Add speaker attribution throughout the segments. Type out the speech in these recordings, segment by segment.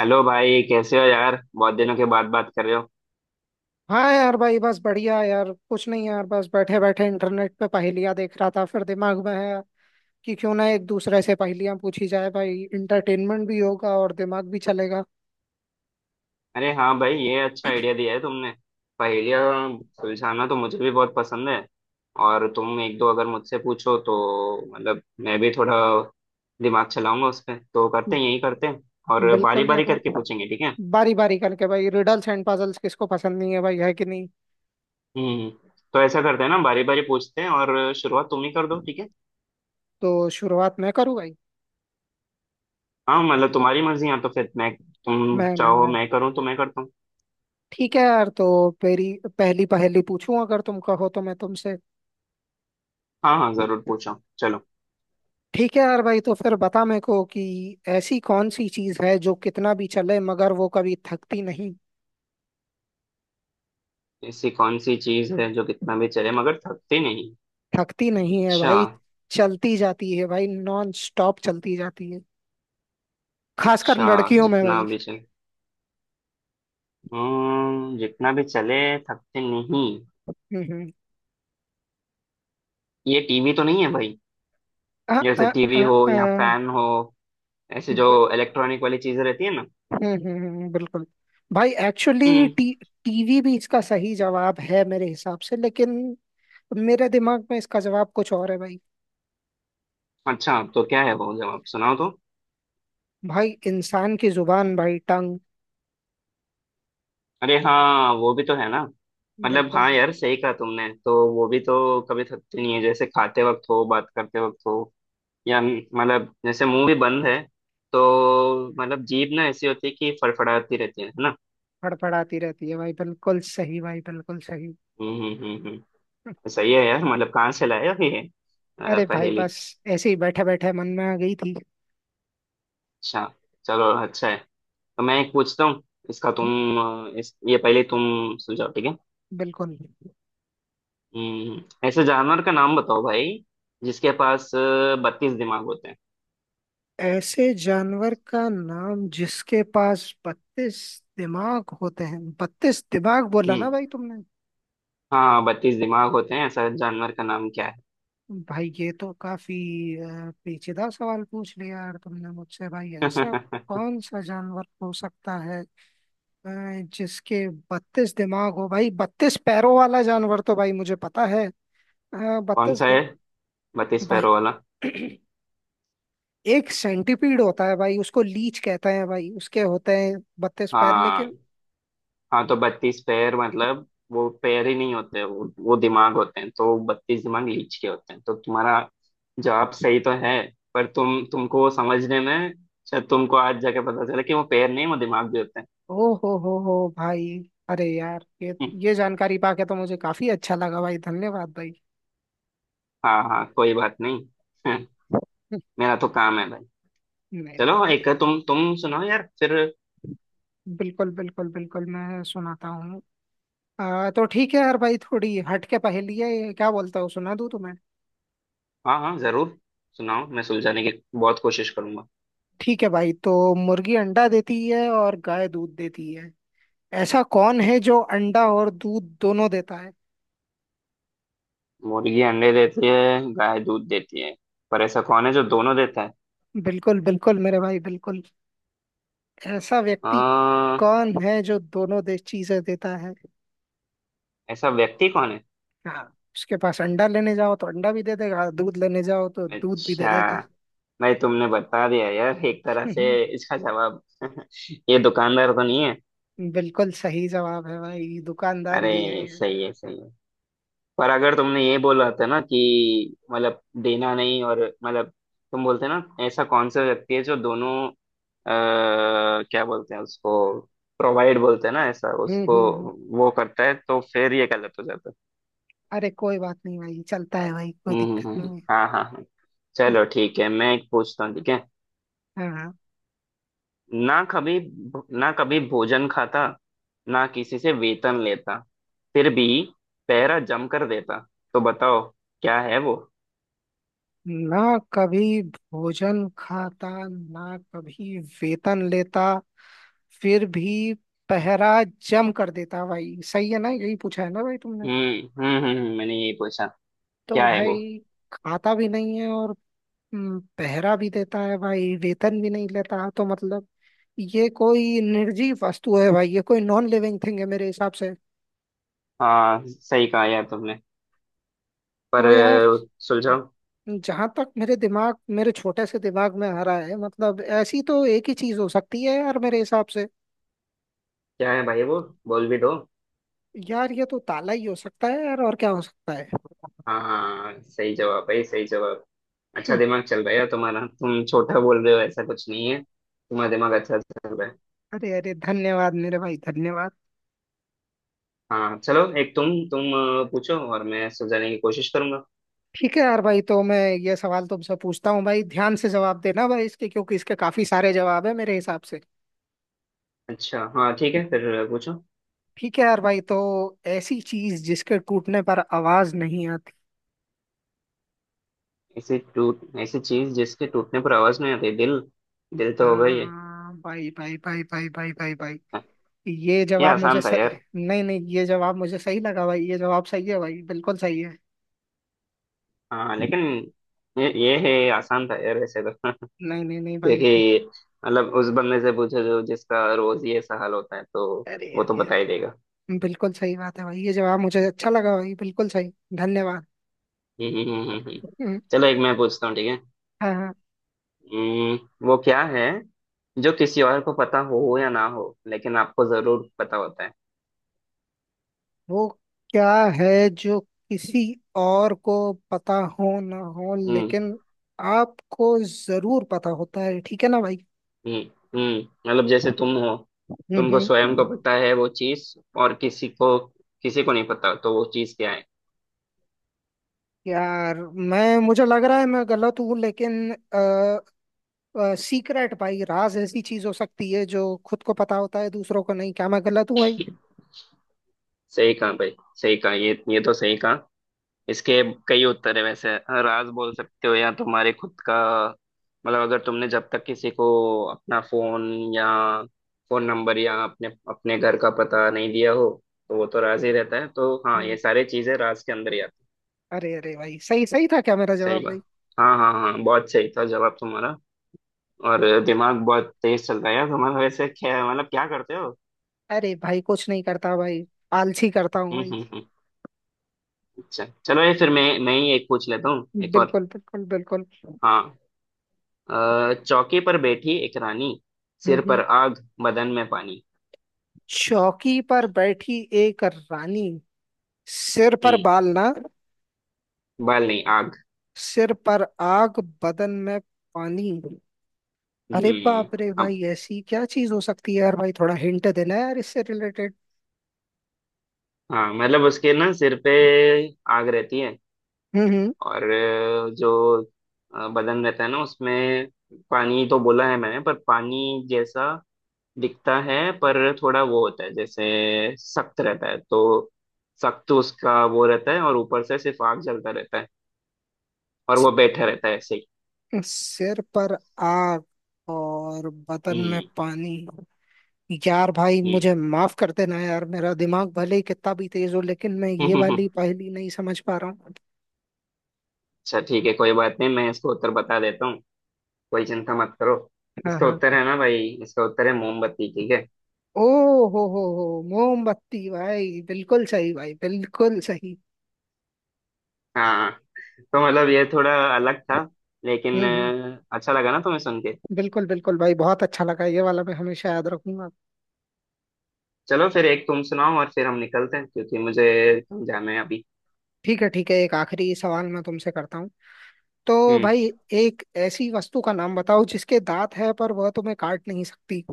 Speaker 1: Hello भाई, कैसे हो यार? बहुत दिनों के बाद बात कर रहे हो।
Speaker 2: हाँ यार भाई, बस बढ़िया। यार कुछ नहीं, यार बस बैठे बैठे इंटरनेट पे पहेलियां देख रहा था। फिर दिमाग में आया कि क्यों ना एक दूसरे से पहेलियां पूछी जाए। भाई इंटरटेनमेंट भी होगा और दिमाग भी चलेगा।
Speaker 1: अरे हाँ भाई, ये अच्छा आइडिया दिया है तुमने। पहेलियाँ सुलझाना तो मुझे भी बहुत पसंद है। और तुम एक दो अगर मुझसे पूछो तो मतलब मैं भी थोड़ा दिमाग चलाऊंगा उस पे। तो करते हैं, यही करते हैं। और बारी
Speaker 2: बिल्कुल
Speaker 1: बारी
Speaker 2: यार
Speaker 1: करके
Speaker 2: भाई,
Speaker 1: पूछेंगे, ठीक है?
Speaker 2: बारी बारी करके। भाई रिडल्स एंड पजल्स किसको पसंद नहीं है भाई, है कि नहीं।
Speaker 1: हम्म हम्म। तो ऐसा करते हैं ना, बारी बारी पूछते हैं, और शुरुआत तुम ही कर दो, ठीक है?
Speaker 2: तो शुरुआत मैं करूँ भाई?
Speaker 1: हाँ मतलब तुम्हारी मर्जी, या तो फिर मैं तुम
Speaker 2: मैं मैं
Speaker 1: चाहो
Speaker 2: मैं
Speaker 1: मैं करूँ तो मैं करता हूँ।
Speaker 2: ठीक है यार। तो मेरी पहली पहेली पूछूं अगर तुम कहो तो मैं तुमसे।
Speaker 1: हाँ हाँ, जरूर पूछो, चलो।
Speaker 2: ठीक है यार भाई, तो फिर बता मेरे को कि ऐसी कौन सी चीज है जो कितना भी चले मगर वो कभी थकती नहीं।
Speaker 1: ऐसी कौन सी चीज है जो कितना भी चले मगर थकती नहीं?
Speaker 2: थकती नहीं है
Speaker 1: अच्छा।
Speaker 2: भाई। चलती जाती है भाई, नॉन स्टॉप चलती जाती है। खासकर
Speaker 1: अच्छा,
Speaker 2: लड़कियों में
Speaker 1: जितना
Speaker 2: भाई।
Speaker 1: भी चले, हम्म, जितना भी चले, थकते नहीं।
Speaker 2: हम्म।
Speaker 1: ये टीवी तो नहीं है भाई?
Speaker 2: आ,
Speaker 1: जैसे
Speaker 2: आ,
Speaker 1: टीवी
Speaker 2: आ,
Speaker 1: हो या
Speaker 2: आ,
Speaker 1: फैन हो, ऐसे जो
Speaker 2: ब-
Speaker 1: इलेक्ट्रॉनिक वाली चीजें रहती है ना।
Speaker 2: बिल्कुल। भाई एक्चुअली
Speaker 1: हम्म।
Speaker 2: टी टीवी भी इसका सही जवाब है मेरे हिसाब से, लेकिन मेरे दिमाग में इसका जवाब कुछ और है भाई।
Speaker 1: अच्छा, तो क्या है वो जवाब, सुनाओ तो।
Speaker 2: भाई इंसान की जुबान भाई, टंग।
Speaker 1: अरे हाँ, वो भी तो है ना। मतलब
Speaker 2: बिल्कुल
Speaker 1: हाँ
Speaker 2: बिल्कुल।
Speaker 1: यार, सही कहा तुमने, तो वो भी तो कभी थकती नहीं है, जैसे खाते वक्त हो, बात करते वक्त हो, या मतलब जैसे मुंह भी बंद है तो मतलब जीभ ना ऐसी होती है कि फड़फड़ाती रहती है ना?
Speaker 2: फड़फड़ाती रहती है भाई, बिल्कुल सही भाई, बिल्कुल सही।
Speaker 1: हम्म हम्म हम्म हम्म। तो सही है यार, मतलब कहाँ से लाया ये
Speaker 2: अरे भाई
Speaker 1: पहेली?
Speaker 2: बस, ऐसे ही बैठे बैठे मन में आ गई थी।
Speaker 1: अच्छा। चलो, अच्छा है। तो मैं एक पूछता हूँ, इसका तुम अ, इस ये पहले तुम सुलझाओ, ठीक है?
Speaker 2: बिल्कुल।
Speaker 1: हम्म। ऐसे जानवर का नाम बताओ भाई जिसके पास 32 दिमाग होते हैं।
Speaker 2: ऐसे जानवर का नाम जिसके पास 32 दिमाग होते हैं? 32 दिमाग बोला ना
Speaker 1: हम्म।
Speaker 2: भाई तुमने?
Speaker 1: हाँ, 32 दिमाग होते हैं, ऐसा जानवर का नाम क्या है?
Speaker 2: भाई ये तो काफी पेचीदा सवाल पूछ लिया यार तुमने मुझसे। भाई ऐसा कौन सा जानवर हो सकता है, अ, जिसके 32 दिमाग हो भाई? 32 पैरों वाला जानवर तो भाई मुझे पता है।
Speaker 1: कौन
Speaker 2: 32
Speaker 1: सा है
Speaker 2: दिन।
Speaker 1: 32
Speaker 2: भाई
Speaker 1: पैरों वाला?
Speaker 2: एक सेंटीपीड होता है भाई, उसको लीच कहते हैं भाई, उसके होते हैं 32 पैर, लेकिन।
Speaker 1: हाँ, हाँ, तो 32 पैर मतलब वो पैर ही नहीं होते, वो दिमाग होते हैं, तो 32 दिमाग लीच के होते हैं, तो तुम्हारा जवाब सही तो है, पर तुमको वो समझने में, शायद तुमको आज जाके पता चला कि वो पैर नहीं, वो दिमाग भी होते हैं।
Speaker 2: ओ हो भाई। अरे यार, ये
Speaker 1: हम्म।
Speaker 2: ये जानकारी पाके तो मुझे काफी अच्छा लगा भाई। धन्यवाद भाई।
Speaker 1: हाँ हाँ कोई बात नहीं। हम्म, मेरा तो काम है भाई।
Speaker 2: नहीं नहीं
Speaker 1: चलो,
Speaker 2: भाई।
Speaker 1: एक तुम सुनाओ यार फिर।
Speaker 2: बिल्कुल बिल्कुल बिल्कुल मैं सुनाता हूँ। तो ठीक है यार भाई, थोड़ी हट के पहेली है ये, क्या बोलता हूँ सुना दूँ तुम्हें।
Speaker 1: हाँ हाँ, जरूर सुनाओ, मैं सुलझाने की बहुत कोशिश करूंगा।
Speaker 2: ठीक है भाई। तो मुर्गी अंडा देती है और गाय दूध देती है। ऐसा कौन है जो अंडा और दूध दोनों देता है?
Speaker 1: मुर्गी अंडे देती है, गाय दूध देती है, पर ऐसा कौन है जो दोनों देता है?
Speaker 2: बिल्कुल बिल्कुल मेरे भाई बिल्कुल। ऐसा व्यक्ति
Speaker 1: आ,
Speaker 2: कौन है जो दोनों दे चीजें देता है?
Speaker 1: ऐसा व्यक्ति कौन है?
Speaker 2: हाँ। उसके पास अंडा लेने जाओ तो अंडा भी दे देगा, दूध लेने जाओ तो दूध भी दे
Speaker 1: अच्छा।
Speaker 2: देगा।
Speaker 1: भाई तुमने बता दिया यार एक तरह से
Speaker 2: हम्म,
Speaker 1: इसका जवाब। ये दुकानदार तो नहीं है?
Speaker 2: बिल्कुल सही जवाब है भाई। दुकानदार
Speaker 1: अरे
Speaker 2: ही है ये।
Speaker 1: सही है, सही है। पर अगर तुमने ये बोला था ना कि मतलब देना नहीं, और मतलब तुम बोलते ना ऐसा कौन सा व्यक्ति है जो दोनों, क्या बोलते हैं उसको, प्रोवाइड बोलते हैं ना ऐसा,
Speaker 2: हम्म
Speaker 1: उसको
Speaker 2: हम्म हम्म।
Speaker 1: वो करता है, तो फिर ये गलत हो जाता है।
Speaker 2: अरे कोई बात नहीं भाई, चलता है भाई, कोई दिक्कत नहीं है।
Speaker 1: हाँ हाँ हाँ।
Speaker 2: हम्म।
Speaker 1: चलो ठीक है, मैं एक पूछता हूँ, ठीक है?
Speaker 2: हाँ।
Speaker 1: ना कभी ना कभी भोजन खाता, ना किसी से वेतन लेता, फिर भी पहरा जम कर देता, तो बताओ क्या है वो?
Speaker 2: ना कभी भोजन खाता, ना कभी वेतन लेता, फिर भी पहरा जम कर देता भाई, सही है ना, यही पूछा है ना भाई तुमने?
Speaker 1: हम्म मैंने यही पूछा।
Speaker 2: तो
Speaker 1: क्या है वो?
Speaker 2: भाई खाता भी नहीं है और पहरा भी देता है भाई, वेतन भी नहीं लेता, तो मतलब ये कोई निर्जीव वस्तु है भाई, ये कोई नॉन लिविंग थिंग है मेरे हिसाब से।
Speaker 1: हाँ, सही कहा यार तुमने। पर
Speaker 2: तो यार
Speaker 1: सुलझाओ।
Speaker 2: जहां तक मेरे छोटे से दिमाग में आ रहा है, मतलब ऐसी तो एक ही चीज हो सकती है यार मेरे हिसाब से।
Speaker 1: क्या है भाई वो, बोल भी दो।
Speaker 2: यार ये तो ताला ही हो सकता है यार, और क्या हो सकता है?
Speaker 1: हाँ हाँ हाँ, सही जवाब भाई, सही जवाब। अच्छा,
Speaker 2: हम्म,
Speaker 1: दिमाग चल रहा है यार तुम्हारा, तुम छोटा बोल रहे हो, ऐसा कुछ नहीं है, तुम्हारा दिमाग अच्छा चल रहा है।
Speaker 2: अरे अरे धन्यवाद मेरे भाई, धन्यवाद।
Speaker 1: हाँ, चलो, एक तुम पूछो और मैं सुलझाने की कोशिश करूंगा।
Speaker 2: ठीक है यार भाई, तो मैं ये सवाल तुमसे पूछता हूँ भाई, ध्यान से जवाब देना भाई इसके, क्योंकि इसके काफी सारे जवाब है मेरे हिसाब से।
Speaker 1: अच्छा हाँ ठीक है, फिर पूछो।
Speaker 2: ठीक है यार भाई। तो ऐसी चीज जिसके टूटने पर आवाज नहीं आती?
Speaker 1: ऐसी चीज जिसके टूटने पर आवाज नहीं आती? दिल। दिल तो हो गई है,
Speaker 2: हाँ भाई भाई भाई भाई भाई भाई भाई, ये
Speaker 1: ये
Speaker 2: जवाब मुझे
Speaker 1: आसान था
Speaker 2: सही।
Speaker 1: यार।
Speaker 2: नहीं नहीं, ये जवाब मुझे सही लगा भाई, ये जवाब सही है भाई, बिल्कुल सही है।
Speaker 1: हाँ लेकिन ये आसान था यार वैसे तो।
Speaker 2: नहीं नहीं नहीं भाई।
Speaker 1: क्योंकि मतलब उस बंदे से पूछो जो जिसका रोज ये ऐसा हाल होता है, तो
Speaker 2: अरे
Speaker 1: वो तो
Speaker 2: अरे
Speaker 1: बता ही
Speaker 2: अरे,
Speaker 1: देगा।
Speaker 2: बिल्कुल सही बात है भाई, ये जवाब मुझे अच्छा लगा भाई, बिल्कुल सही। धन्यवाद।
Speaker 1: हम्म।
Speaker 2: हम्म।
Speaker 1: चलो, एक मैं पूछता हूँ, ठीक है?
Speaker 2: हाँ हाँ।
Speaker 1: हम्म। वो क्या है जो किसी और को पता हो या ना हो, लेकिन आपको जरूर पता होता है?
Speaker 2: वो क्या है जो किसी और को पता हो ना हो,
Speaker 1: हम्म,
Speaker 2: लेकिन आपको जरूर पता होता है, ठीक है ना भाई?
Speaker 1: हम्म हम्म मतलब जैसे तुम हो, तुमको
Speaker 2: हम्म।
Speaker 1: स्वयं को पता है वो चीज, और किसी को नहीं पता, तो वो चीज क्या है?
Speaker 2: यार मैं मुझे लग रहा है मैं गलत हूँ लेकिन, सीक्रेट भाई, राज ऐसी चीज हो सकती है जो खुद को पता होता है दूसरों को नहीं। क्या मैं गलत हूँ भाई?
Speaker 1: सही कहा भाई, सही कहा, ये तो सही कहा। इसके कई उत्तर है वैसे। राज बोल सकते हो, या तुम्हारे खुद का मतलब, अगर तुमने जब तक किसी को अपना फोन या फोन नंबर या अपने अपने घर का पता नहीं दिया हो, तो वो तो राज ही रहता है, तो हाँ, ये
Speaker 2: हम्म,
Speaker 1: सारी चीजें राज के अंदर ही आती हैं।
Speaker 2: अरे अरे भाई, सही सही था क्या मेरा
Speaker 1: सही
Speaker 2: जवाब भाई?
Speaker 1: बात। हाँ हाँ हाँ, बहुत सही था जवाब तुम्हारा। और दिमाग बहुत तेज चल रहा है यार तुम्हारा वैसे, क्या मतलब क्या करते हो?
Speaker 2: अरे भाई कुछ नहीं करता भाई, आलसी करता हूँ
Speaker 1: हम्म
Speaker 2: भाई।
Speaker 1: हम्म हम्म। अच्छा, चलो, ये फिर मैं ही एक पूछ लेता हूँ, एक और।
Speaker 2: बिल्कुल बिल्कुल बिल्कुल।
Speaker 1: हाँ। चौकी पर बैठी एक रानी,
Speaker 2: हम्म
Speaker 1: सिर पर
Speaker 2: हम्म।
Speaker 1: आग, बदन में पानी।
Speaker 2: चौकी पर बैठी एक रानी, सिर पर
Speaker 1: हम्म।
Speaker 2: बाल ना?
Speaker 1: बाल नहीं, आग।
Speaker 2: सिर पर आग बदन में पानी। अरे
Speaker 1: हम्म।
Speaker 2: बाप रे
Speaker 1: अब
Speaker 2: भाई, ऐसी क्या चीज हो सकती है यार? भाई थोड़ा हिंट देना यार, इससे रिलेटेड।
Speaker 1: हाँ, मतलब उसके ना सिर पे आग रहती है,
Speaker 2: हम्म
Speaker 1: और जो बदन रहता है ना उसमें पानी तो बोला है मैंने, पर पानी जैसा दिखता है, पर थोड़ा वो होता है जैसे सख्त रहता है, तो सख्त उसका वो रहता है और ऊपर से सिर्फ आग जलता रहता है, और वो बैठा रहता है ऐसे ही।
Speaker 2: सिर पर आग और बदन में
Speaker 1: हम्म
Speaker 2: पानी। यार भाई मुझे माफ कर देना यार, मेरा दिमाग भले ही कितना भी तेज हो लेकिन मैं ये
Speaker 1: हम्म।
Speaker 2: वाली पहेली नहीं समझ पा रहा हूँ।
Speaker 1: अच्छा ठीक है, कोई बात नहीं, मैं इसको उत्तर बता देता हूँ। कोई चिंता मत करो।
Speaker 2: हाँ
Speaker 1: इसका
Speaker 2: हाँ।
Speaker 1: उत्तर है ना भाई, इसका उत्तर है मोमबत्ती, ठीक है?
Speaker 2: ओ हो, मोमबत्ती भाई, बिल्कुल सही भाई, बिल्कुल सही।
Speaker 1: हाँ। तो मतलब ये थोड़ा अलग था, लेकिन
Speaker 2: हम्म हम्म
Speaker 1: अच्छा लगा ना तुम्हें सुन के?
Speaker 2: बिल्कुल बिल्कुल भाई, बहुत अच्छा लगा ये वाला, मैं हमेशा याद रखूंगा।
Speaker 1: चलो फिर एक तुम सुनाओ और फिर हम निकलते हैं क्योंकि मुझे कहीं जाना है अभी
Speaker 2: ठीक है ठीक है, एक आखिरी सवाल मैं तुमसे करता हूँ तो
Speaker 1: हम्म
Speaker 2: भाई। एक ऐसी वस्तु का नाम बताओ जिसके दांत है पर वह तुम्हें काट नहीं सकती?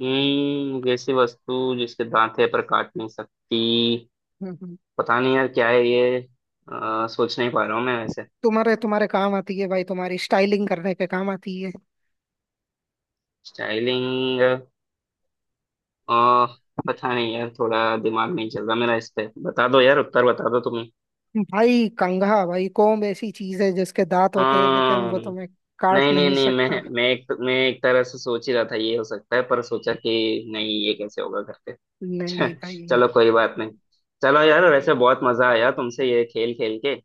Speaker 1: वैसी वस्तु जिसके दांत है पर काट नहीं सकती?
Speaker 2: हम्म हम्म।
Speaker 1: पता नहीं यार क्या है ये, सोच नहीं पा रहा हूँ मैं वैसे।
Speaker 2: तुम्हारे तुम्हारे काम आती है भाई, तुम्हारी स्टाइलिंग करने के काम आती है।
Speaker 1: स्टाइलिंग? पता नहीं यार, थोड़ा दिमाग नहीं चल रहा मेरा इस पे, बता दो यार उत्तर, बता दो तुम्हें।
Speaker 2: भाई कंघा, भाई कोम्ब ऐसी चीज है जिसके दांत होते हैं, लेकिन
Speaker 1: हाँ।
Speaker 2: वो तुम्हें काट
Speaker 1: नहीं नहीं
Speaker 2: नहीं
Speaker 1: नहीं,
Speaker 2: सकता।
Speaker 1: मैं एक तरह से सोच ही रहा था ये हो सकता है, पर सोचा कि नहीं, ये कैसे होगा करके।
Speaker 2: नहीं नहीं भाई।
Speaker 1: चलो कोई बात नहीं। चलो यार वैसे बहुत मजा आया तुमसे ये खेल खेल के,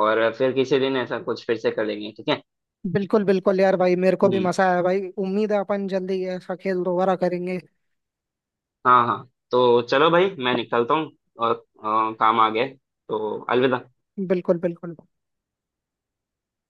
Speaker 1: और फिर किसी दिन ऐसा कुछ फिर से करेंगे, ठीक है?
Speaker 2: बिल्कुल बिल्कुल यार भाई, मेरे को भी
Speaker 1: हम्म।
Speaker 2: मजा आया भाई, उम्मीद है अपन जल्दी ऐसा खेल दोबारा करेंगे।
Speaker 1: हाँ हाँ, तो चलो भाई मैं निकलता हूँ, और काम आ गया है। तो अलविदा।
Speaker 2: बिल्कुल बिल्कुल।